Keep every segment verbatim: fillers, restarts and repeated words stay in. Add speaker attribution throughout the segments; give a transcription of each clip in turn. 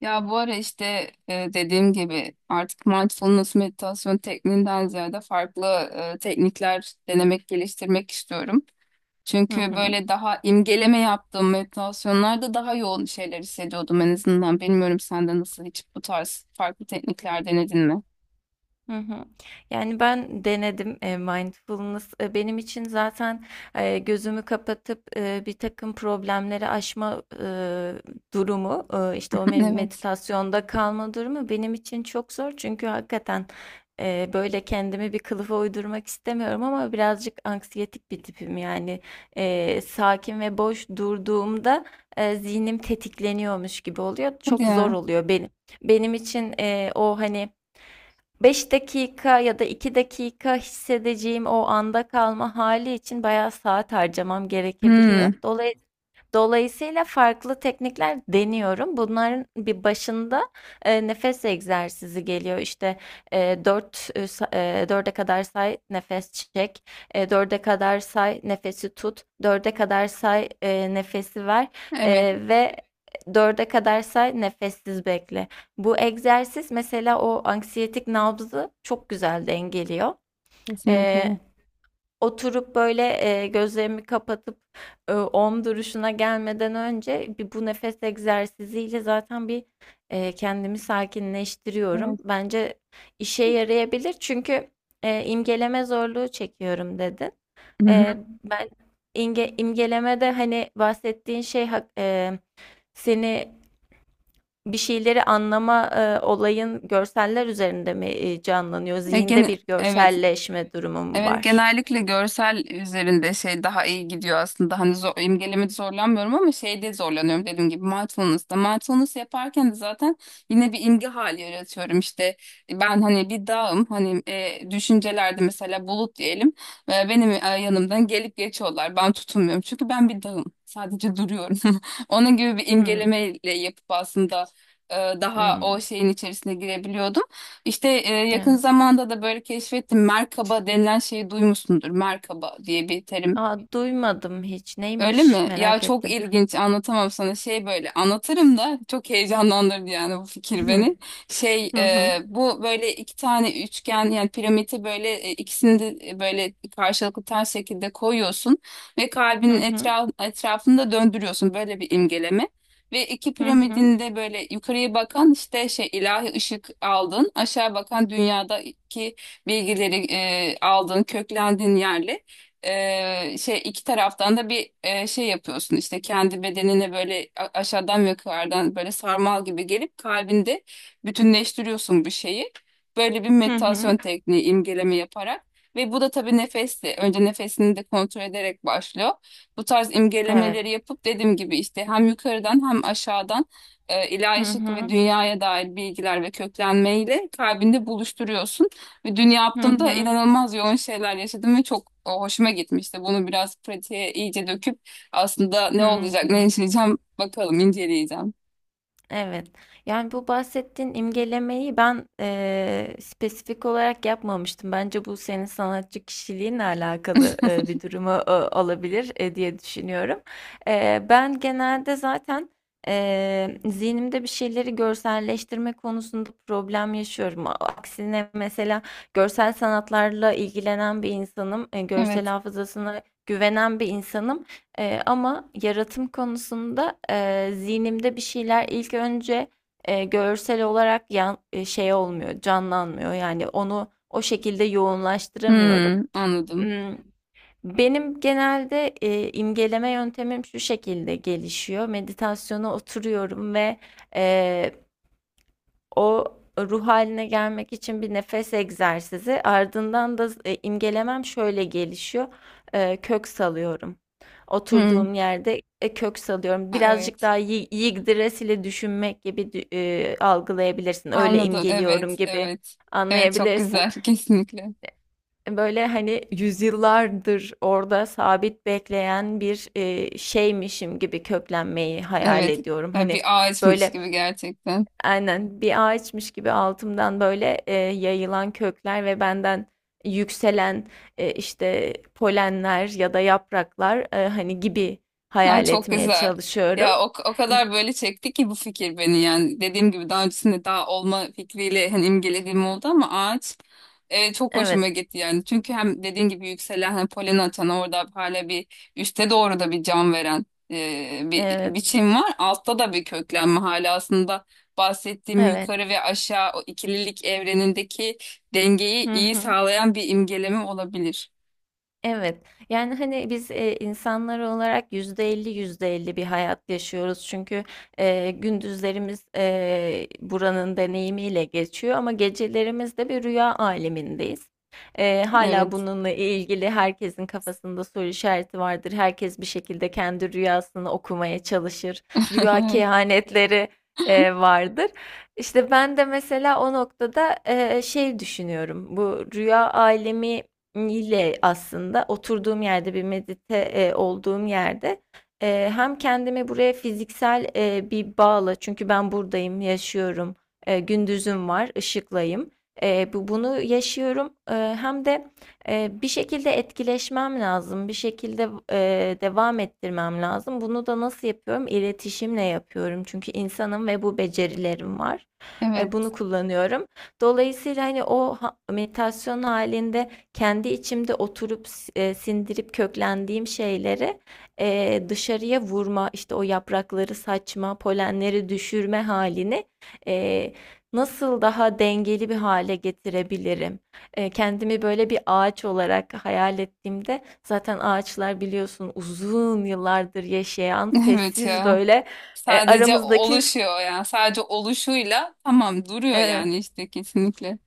Speaker 1: Ya bu ara işte e, dediğim gibi artık mindfulness meditasyon tekniğinden ziyade farklı e, teknikler denemek, geliştirmek istiyorum.
Speaker 2: Hı
Speaker 1: Çünkü
Speaker 2: hı.
Speaker 1: böyle daha imgeleme yaptığım meditasyonlarda daha yoğun şeyler hissediyordum en azından. Bilmiyorum, sen de nasıl, hiç bu tarz farklı teknikler denedin mi?
Speaker 2: Hı hı. Yani ben denedim e, mindfulness. E, benim için zaten e, gözümü kapatıp e, bir takım problemleri aşma e, durumu, e, işte o me-
Speaker 1: Evet.
Speaker 2: meditasyonda kalma durumu benim için çok zor. Çünkü hakikaten e, böyle kendimi bir kılıfa uydurmak istemiyorum ama birazcık anksiyetik bir tipim. Yani e, sakin ve boş durduğumda e, zihnim tetikleniyormuş gibi oluyor.
Speaker 1: Hadi
Speaker 2: Çok zor
Speaker 1: ya.
Speaker 2: oluyor benim. Benim için e, o hani Beş dakika ya da iki dakika hissedeceğim o anda kalma hali için bayağı saat harcamam gerekebiliyor.
Speaker 1: Hmm.
Speaker 2: Dolayısıyla Dolayısıyla farklı teknikler deniyorum. Bunların bir başında e, nefes egzersizi geliyor. İşte e, dört e, sa- e, kadar say, nefes çek. E, dörde kadar say, nefesi tut. dörde kadar say, e, nefesi ver.
Speaker 1: Evet.
Speaker 2: E, ve dörde kadar say, nefessiz bekle. Bu egzersiz mesela o anksiyetik nabzı çok güzel dengeliyor. E,
Speaker 1: Kesinlikle.
Speaker 2: Oturup böyle, eee, gözlerimi kapatıp, ııı, OM duruşuna gelmeden önce bir bu nefes egzersiziyle zaten bir, eee, kendimi sakinleştiriyorum.
Speaker 1: Evet.
Speaker 2: Bence işe yarayabilir çünkü eee, imgeleme zorluğu çekiyorum dedin.
Speaker 1: Hı hı.
Speaker 2: Eee, ben imge imgelemede, hani, bahsettiğin şey hak eee, seni bir şeyleri anlama, eee, olayın görseller üzerinde mi, eee, canlanıyor?
Speaker 1: E,
Speaker 2: Zihinde
Speaker 1: gene
Speaker 2: bir
Speaker 1: evet.
Speaker 2: görselleşme durumu mu
Speaker 1: Evet,
Speaker 2: var?
Speaker 1: genellikle görsel üzerinde şey daha iyi gidiyor aslında. Hani zor, imgelemede zorlanmıyorum ama şeyde zorlanıyorum dediğim gibi, mindfulness'ta. Mindfulness yaparken de zaten yine bir imge hali yaratıyorum işte. Ben hani bir dağım, hani e, düşüncelerde mesela bulut diyelim. E, benim e, Yanımdan gelip geçiyorlar. Ben tutunmuyorum çünkü ben bir dağım. Sadece duruyorum. Onun gibi bir
Speaker 2: Hımm.
Speaker 1: imgelemeyle yapıp aslında e, daha o
Speaker 2: Hımm.
Speaker 1: şeyin içerisine girebiliyordum. İşte e, yakın
Speaker 2: Evet.
Speaker 1: zamanda da böyle keşfettim. Merkaba denilen şeyi duymuşsundur. Merkaba diye bir terim.
Speaker 2: A, duymadım hiç.
Speaker 1: Öyle
Speaker 2: Neymiş?
Speaker 1: mi? Ya
Speaker 2: Merak
Speaker 1: çok
Speaker 2: ettim.
Speaker 1: ilginç, anlatamam sana şey, böyle anlatırım da çok heyecanlandırdı yani bu fikir beni. Şey,
Speaker 2: Hı hı.
Speaker 1: e, bu böyle iki tane üçgen, yani piramidi böyle, e, ikisini de e, böyle karşılıklı ters şekilde koyuyorsun ve
Speaker 2: Hı
Speaker 1: kalbin
Speaker 2: hı.
Speaker 1: etraf, etrafında döndürüyorsun böyle, bir imgeleme. Ve iki
Speaker 2: Hı hı.
Speaker 1: piramidin de böyle yukarıya bakan işte şey, ilahi ışık aldın, aşağı bakan dünyadaki bilgileri e, aldın, köklendin yerle. E, şey, iki taraftan da bir e, şey yapıyorsun işte, kendi bedenine böyle a- aşağıdan ve yukarıdan böyle sarmal gibi gelip kalbinde bütünleştiriyorsun bu şeyi. Böyle bir
Speaker 2: Hı hı.
Speaker 1: meditasyon tekniği, imgeleme yaparak. Ve bu da tabii nefesli. Önce nefesini de kontrol ederek başlıyor. Bu tarz
Speaker 2: Evet.
Speaker 1: imgelemeleri yapıp dediğim gibi işte hem yukarıdan hem aşağıdan e,
Speaker 2: Hı
Speaker 1: ilahi ışık ve
Speaker 2: hı.
Speaker 1: dünyaya dair bilgiler ve köklenmeyle kalbinde buluşturuyorsun. Ve dün
Speaker 2: Hı
Speaker 1: yaptığımda
Speaker 2: hı.
Speaker 1: inanılmaz yoğun şeyler yaşadım ve çok, o, hoşuma gitmişti. Bunu biraz pratiğe iyice döküp aslında ne
Speaker 2: Hı.
Speaker 1: olacak, ne yaşayacağım bakalım, inceleyeceğim.
Speaker 2: Evet. Yani bu bahsettiğin imgelemeyi ben eee, spesifik olarak yapmamıştım. Bence bu senin sanatçı kişiliğinle alakalı eee, bir durumu e, olabilir e, diye düşünüyorum. Eee, ben genelde zaten eee, zihnimde bir şeyleri görselleştirme konusunda problem yaşıyorum. A- Aksine mesela görsel sanatlarla ilgilenen bir insanım, e, görsel
Speaker 1: Evet.
Speaker 2: hafızasına güvenen bir insanım. Eee, ama yaratım konusunda eee, zihnimde bir şeyler ilk önce eee, görsel olarak yan, e, şey olmuyor, canlanmıyor. Yani onu o şekilde yoğunlaştıramıyorum.
Speaker 1: Hmm, anladım.
Speaker 2: Hmm, Benim genelde eee, imgeleme yöntemim şu şekilde gelişiyor. Meditasyona oturuyorum ve o ruh haline gelmek için bir nefes egzersizi. Ardından da e, imgelemem şöyle gelişiyor. E, kök salıyorum.
Speaker 1: Hmm.
Speaker 2: Oturduğum yerde e, kök salıyorum.
Speaker 1: Ha,
Speaker 2: Birazcık
Speaker 1: evet.
Speaker 2: daha yi- yigdres ile düşünmek gibi dü- e, algılayabilirsin. Öyle
Speaker 1: Anladım. Evet,
Speaker 2: imgeliyorum gibi
Speaker 1: evet. Evet, çok
Speaker 2: anlayabilirsin.
Speaker 1: güzel. Kesinlikle.
Speaker 2: Böyle hani yüzyıllardır orada sabit bekleyen bir e, şeymişim gibi köklenmeyi hayal
Speaker 1: Evet.
Speaker 2: ediyorum.
Speaker 1: Ya bir
Speaker 2: Hani
Speaker 1: ağaçmış
Speaker 2: böyle
Speaker 1: gibi gerçekten.
Speaker 2: Aynen bir ağaçmış gibi altımdan böyle e, yayılan kökler ve benden yükselen e, işte polenler ya da yapraklar e, hani gibi
Speaker 1: Ay,
Speaker 2: hayal
Speaker 1: çok
Speaker 2: etmeye
Speaker 1: güzel.
Speaker 2: çalışıyorum.
Speaker 1: Ya o, o kadar böyle çekti ki bu fikir beni, yani dediğim gibi daha öncesinde daha olma fikriyle hani imgelediğim oldu ama ağaç e, çok hoşuma
Speaker 2: Evet,
Speaker 1: gitti yani. Çünkü hem dediğim gibi yükselen, hani polen atan, orada hala bir üste doğru da bir can veren e, bir
Speaker 2: evet,
Speaker 1: biçim var. Altta da bir köklenme, hala aslında bahsettiğim
Speaker 2: evet.
Speaker 1: yukarı ve aşağı, o ikililik evrenindeki dengeyi
Speaker 2: Hı
Speaker 1: iyi
Speaker 2: hı.
Speaker 1: sağlayan bir imgeleme olabilir.
Speaker 2: Evet. Yani hani biz e, insanlar olarak yüzde elli yüzde elli bir hayat yaşıyoruz. Çünkü e, gündüzlerimiz e, buranın deneyimiyle geçiyor ama gecelerimiz de bir rüya alemindeyiz. E, hala
Speaker 1: Evet.
Speaker 2: bununla ilgili herkesin kafasında soru işareti vardır. Herkes bir şekilde kendi rüyasını okumaya çalışır. Rüya kehanetleri e, vardır. İşte ben de mesela o noktada e, şey düşünüyorum. Bu rüya alemi ile aslında oturduğum yerde bir medite, eee, olduğum yerde, eee, hem kendimi buraya fiziksel, eee, bir bağla çünkü ben buradayım, yaşıyorum, eee, gündüzüm var, ışıklayım. Eee, bu bunu yaşıyorum, eee, hem de eee, bir şekilde etkileşmem lazım, bir şekilde eee, devam ettirmem lazım. Bunu da nasıl yapıyorum? İletişimle yapıyorum çünkü insanım ve bu becerilerim var. Eee,
Speaker 1: Evet.
Speaker 2: bunu kullanıyorum. Dolayısıyla, hani, o ha meditasyon hâlinde kendi içimde oturup e, sindirip köklendiğim şeyleri e, dışarıya vurma, işte o yaprakları saçma, polenleri düşürme halini e, nasıl daha dengeli bir hale getirebilirim? E, kendimi böyle bir ağaç olarak hayal ettiğimde zaten ağaçlar biliyorsun uzun yıllardır yaşayan
Speaker 1: Evet
Speaker 2: sessiz
Speaker 1: ya.
Speaker 2: böyle e,
Speaker 1: Sadece
Speaker 2: aramızdaki
Speaker 1: oluşuyor, yani sadece oluşuyla tamam duruyor,
Speaker 2: evet.
Speaker 1: yani işte kesinlikle.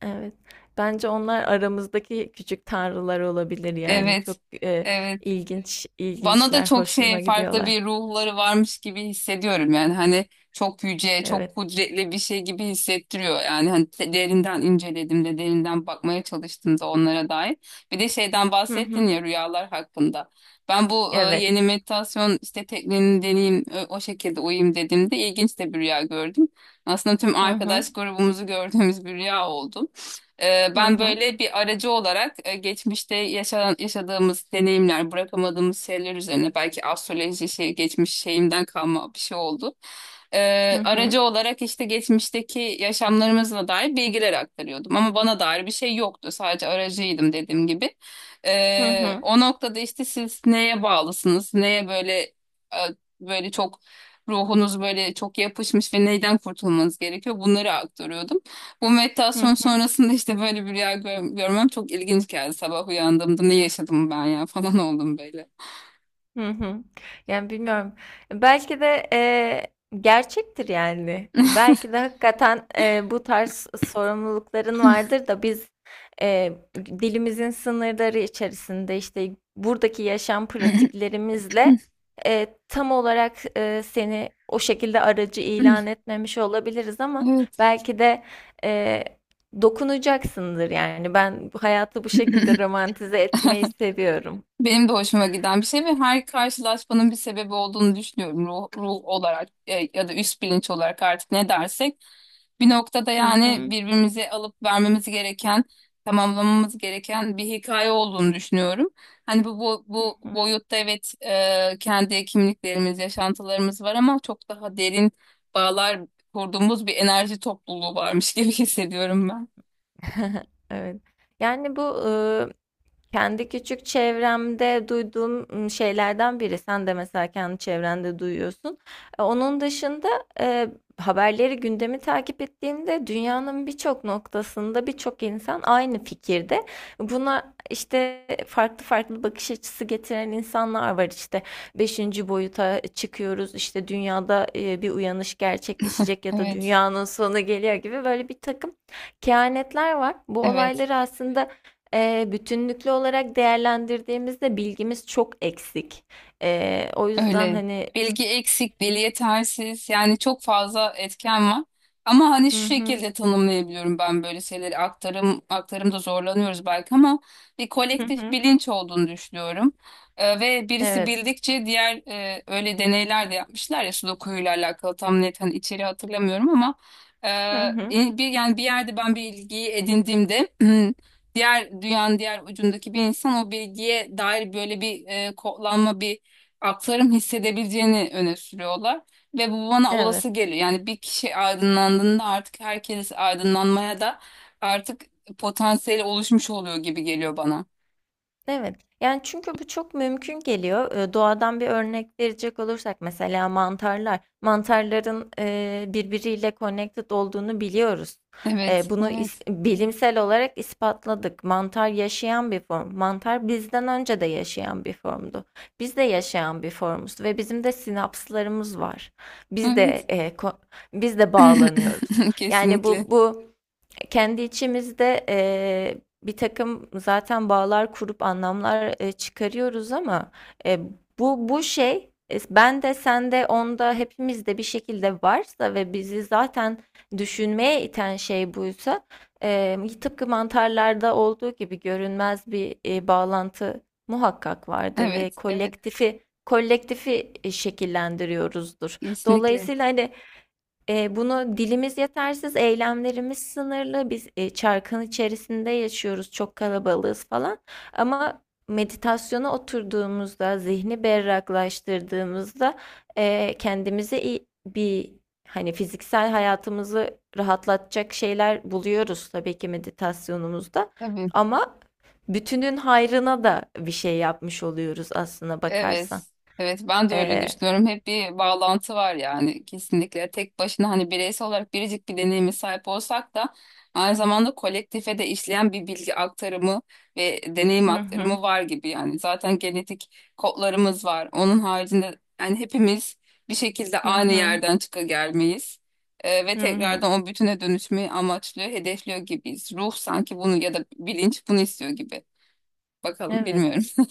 Speaker 2: Evet. Bence onlar aramızdaki küçük tanrılar olabilir yani.
Speaker 1: Evet.
Speaker 2: Çok e,
Speaker 1: Evet.
Speaker 2: ilginç,
Speaker 1: Bana da
Speaker 2: ilginçler,
Speaker 1: çok şey,
Speaker 2: hoşuma
Speaker 1: farklı
Speaker 2: gidiyorlar.
Speaker 1: bir ruhları varmış gibi hissediyorum, yani hani çok yüce, çok
Speaker 2: Evet.
Speaker 1: kudretli bir şey gibi hissettiriyor yani, hani de- derinden incelediğimde, derinden bakmaya çalıştığımda onlara dair. Bir de şeyden
Speaker 2: Hı
Speaker 1: bahsettin
Speaker 2: hı.
Speaker 1: ya, rüyalar hakkında, ben bu e,
Speaker 2: Evet.
Speaker 1: yeni meditasyon işte tekniğini deneyeyim, ö- o şekilde uyuyayım dediğimde, ilginç de bir rüya gördüm aslında. Tüm
Speaker 2: Hı hı.
Speaker 1: arkadaş grubumuzu gördüğümüz bir rüya oldu. Ee,
Speaker 2: Hı
Speaker 1: ben
Speaker 2: hı.
Speaker 1: böyle bir aracı olarak e, geçmişte yaşanan, yaşadığımız deneyimler, bırakamadığımız şeyler üzerine, belki astroloji şey, geçmiş şeyimden kalma bir şey oldu.
Speaker 2: Hı
Speaker 1: Ee,
Speaker 2: hı.
Speaker 1: aracı olarak işte geçmişteki yaşamlarımızla dair bilgiler aktarıyordum ama bana dair bir şey yoktu. Sadece aracıydım dediğim gibi.
Speaker 2: Hı
Speaker 1: Ee,
Speaker 2: hı.
Speaker 1: o noktada işte siz neye bağlısınız, neye böyle e, böyle çok ruhunuz böyle çok yapışmış ve neyden kurtulmanız gerekiyor, bunları aktarıyordum. Bu
Speaker 2: Hı
Speaker 1: meditasyon
Speaker 2: hı.
Speaker 1: sonrasında işte böyle bir rüya gör- görmem çok ilginç geldi. Sabah uyandığımda ne yaşadım ben ya falan oldum böyle.
Speaker 2: Hı hı. Yani bilmiyorum. Belki de e, gerçektir yani. Belki de hakikaten e, bu tarz sorumlulukların vardır da biz e, dilimizin sınırları içerisinde işte buradaki yaşam pratiklerimizle e, tam olarak e, seni o şekilde aracı ilan etmemiş olabiliriz ama
Speaker 1: Evet.
Speaker 2: belki de e, dokunacaksındır yani. Ben bu hayatı bu şekilde romantize etmeyi seviyorum.
Speaker 1: Benim de hoşuma giden bir şey ve her karşılaşmanın bir sebebi olduğunu düşünüyorum. Ruh, ruh olarak e, ya da üst bilinç olarak, artık ne dersek. Bir noktada
Speaker 2: Hı
Speaker 1: yani
Speaker 2: hı.
Speaker 1: birbirimize alıp vermemiz gereken, tamamlamamız gereken bir hikaye olduğunu düşünüyorum. Hani bu bu,
Speaker 2: Hı
Speaker 1: bu
Speaker 2: hı.
Speaker 1: boyutta, evet, e, kendi kimliklerimiz, yaşantılarımız var ama çok daha derin bağlar kurduğumuz bir enerji topluluğu varmış gibi hissediyorum ben.
Speaker 2: Evet. Yani bu kendi küçük çevremde duyduğum şeylerden biri. Sen de mesela kendi çevrende duyuyorsun. E, Onun dışında e, haberleri, gündemi takip ettiğimde dünyanın birçok noktasında birçok insan aynı fikirde. Buna işte farklı farklı bakış açısı getiren insanlar var. İşte beşinci boyuta çıkıyoruz. İşte dünyada e, bir uyanış gerçekleşecek ya da
Speaker 1: Evet,
Speaker 2: dünyanın sonu geliyor gibi böyle bir takım kehanetler var. Bu
Speaker 1: evet.
Speaker 2: olayları aslında Eee, bütünlüklü olarak değerlendirdiğimizde bilgimiz çok eksik. Eee, o yüzden
Speaker 1: Öyle.
Speaker 2: hani
Speaker 1: Bilgi eksik, dil yetersiz. Yani çok fazla etken var. Ama hani şu
Speaker 2: hı hı,
Speaker 1: şekilde tanımlayabiliyorum ben böyle şeyleri. Aktarım, aktarımda zorlanıyoruz belki ama bir
Speaker 2: hı
Speaker 1: kolektif
Speaker 2: hı,
Speaker 1: bilinç olduğunu düşünüyorum. Ee, ve birisi
Speaker 2: evet,
Speaker 1: bildikçe diğer, e, öyle deneyler de yapmışlar ya, Sudoku'yla alakalı, tam net hani içeri hatırlamıyorum ama e,
Speaker 2: hı hı,
Speaker 1: bir, yani bir yerde ben bir bilgiyi edindiğimde diğer, dünyanın diğer ucundaki bir insan o bilgiye dair böyle bir e, kodlanma, bir akların hissedebileceğini öne sürüyorlar ve bu bana
Speaker 2: evet.
Speaker 1: olası geliyor. Yani bir kişi aydınlandığında artık herkes aydınlanmaya da artık potansiyeli oluşmuş oluyor gibi geliyor bana.
Speaker 2: Evet. Yani, çünkü bu çok mümkün geliyor. Eee, doğadan bir örnek verecek olursak mesela mantarlar. Mantarların eee, birbiriyle connected olduğunu biliyoruz. Eee,
Speaker 1: Evet,
Speaker 2: bunu is
Speaker 1: evet,
Speaker 2: bilimsel olarak ispatladık. Mantar yaşayan bir form. Mantar bizden önce de yaşayan bir formdu. Biz de yaşayan bir formuz ve bizim de sinapslarımız var. Biz de,
Speaker 1: evet.
Speaker 2: eee, ko biz de bağlanıyoruz. Yani,
Speaker 1: Kesinlikle.
Speaker 2: bu bu kendi içimizde eee bir takım zaten bağlar kurup anlamlar e, çıkarıyoruz ama e, bu bu şey e, ben de sen de onda hepimizde bir şekilde varsa ve bizi zaten düşünmeye iten şey buysa e, tıpkı mantarlarda olduğu gibi görünmez bir e, bağlantı muhakkak vardır ve
Speaker 1: Evet, evet,
Speaker 2: kolektifi kolektifi e, şekillendiriyoruzdur.
Speaker 1: kesinlikle.
Speaker 2: Dolayısıyla hani e, bunu dilimiz yetersiz, eylemlerimiz sınırlı. Biz e, çarkın içerisinde yaşıyoruz, çok kalabalığız falan. Ama meditasyona oturduğumuzda, zihni berraklaştırdığımızda e, kendimize iyi- bir hani fiziksel hayatımızı rahatlatacak şeyler buluyoruz tabii ki meditasyonumuzda.
Speaker 1: Tabii.
Speaker 2: Ama bütünün hayrına da bir şey yapmış oluyoruz aslında bakarsan.
Speaker 1: Evet. Evet, ben de öyle
Speaker 2: E,
Speaker 1: düşünüyorum. Hep bir bağlantı var yani, kesinlikle. Tek başına hani bireysel olarak biricik bir deneyime sahip olsak da aynı zamanda kolektife de işleyen bir bilgi aktarımı ve deneyim
Speaker 2: hı hı,
Speaker 1: aktarımı var gibi yani. Zaten genetik kodlarımız var. Onun haricinde yani hepimiz bir şekilde
Speaker 2: hı
Speaker 1: aynı
Speaker 2: hı,
Speaker 1: yerden çıka gelmeyiz. Ee, ve
Speaker 2: hı hı.
Speaker 1: tekrardan o bütüne dönüşmeyi amaçlıyor, hedefliyor gibiyiz. Ruh sanki bunu, ya da bilinç bunu istiyor gibi. Bakalım,
Speaker 2: Evet.
Speaker 1: bilmiyorum.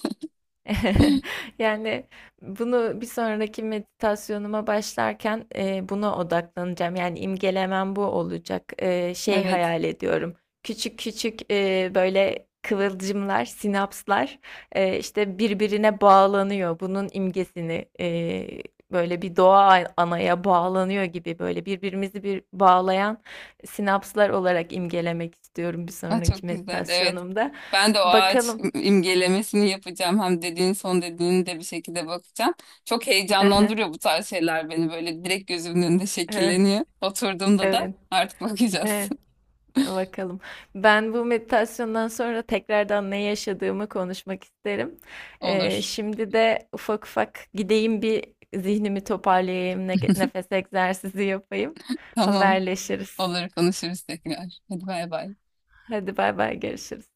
Speaker 2: Yani bunu bir sonraki meditasyonuma başlarken e, buna odaklanacağım. Yani imgelemem bu olacak. E, şey
Speaker 1: Evet.
Speaker 2: hayal ediyorum. Küçük küçük e, böyle kıvılcımlar, sinapslar e, işte birbirine bağlanıyor. Bunun imgesini e, böyle bir doğa anaya bağlanıyor gibi böyle birbirimizi bir bağlayan sinapslar olarak imgelemek istiyorum bir
Speaker 1: Ay,
Speaker 2: sonraki
Speaker 1: çok güzel. Evet.
Speaker 2: meditasyonumda.
Speaker 1: Ben de o ağaç
Speaker 2: Bakalım.
Speaker 1: imgelemesini yapacağım. Hem dediğin son dediğini de bir şekilde bakacağım. Çok heyecanlandırıyor bu tarz şeyler beni. Böyle direkt gözümün önünde
Speaker 2: Evet,
Speaker 1: şekilleniyor. Oturduğumda da
Speaker 2: evet.
Speaker 1: artık bakacağız.
Speaker 2: Evet, e, bakalım. Ben bu meditasyondan sonra tekrardan ne yaşadığımı konuşmak isterim. Ee,
Speaker 1: Olur.
Speaker 2: şimdi de ufak ufak gideyim bir zihnimi toparlayayım, ne- nefes egzersizi yapayım.
Speaker 1: Tamam.
Speaker 2: Haberleşiriz.
Speaker 1: Olur, konuşuruz tekrar. Hadi bay bay.
Speaker 2: Hadi bay bay görüşürüz.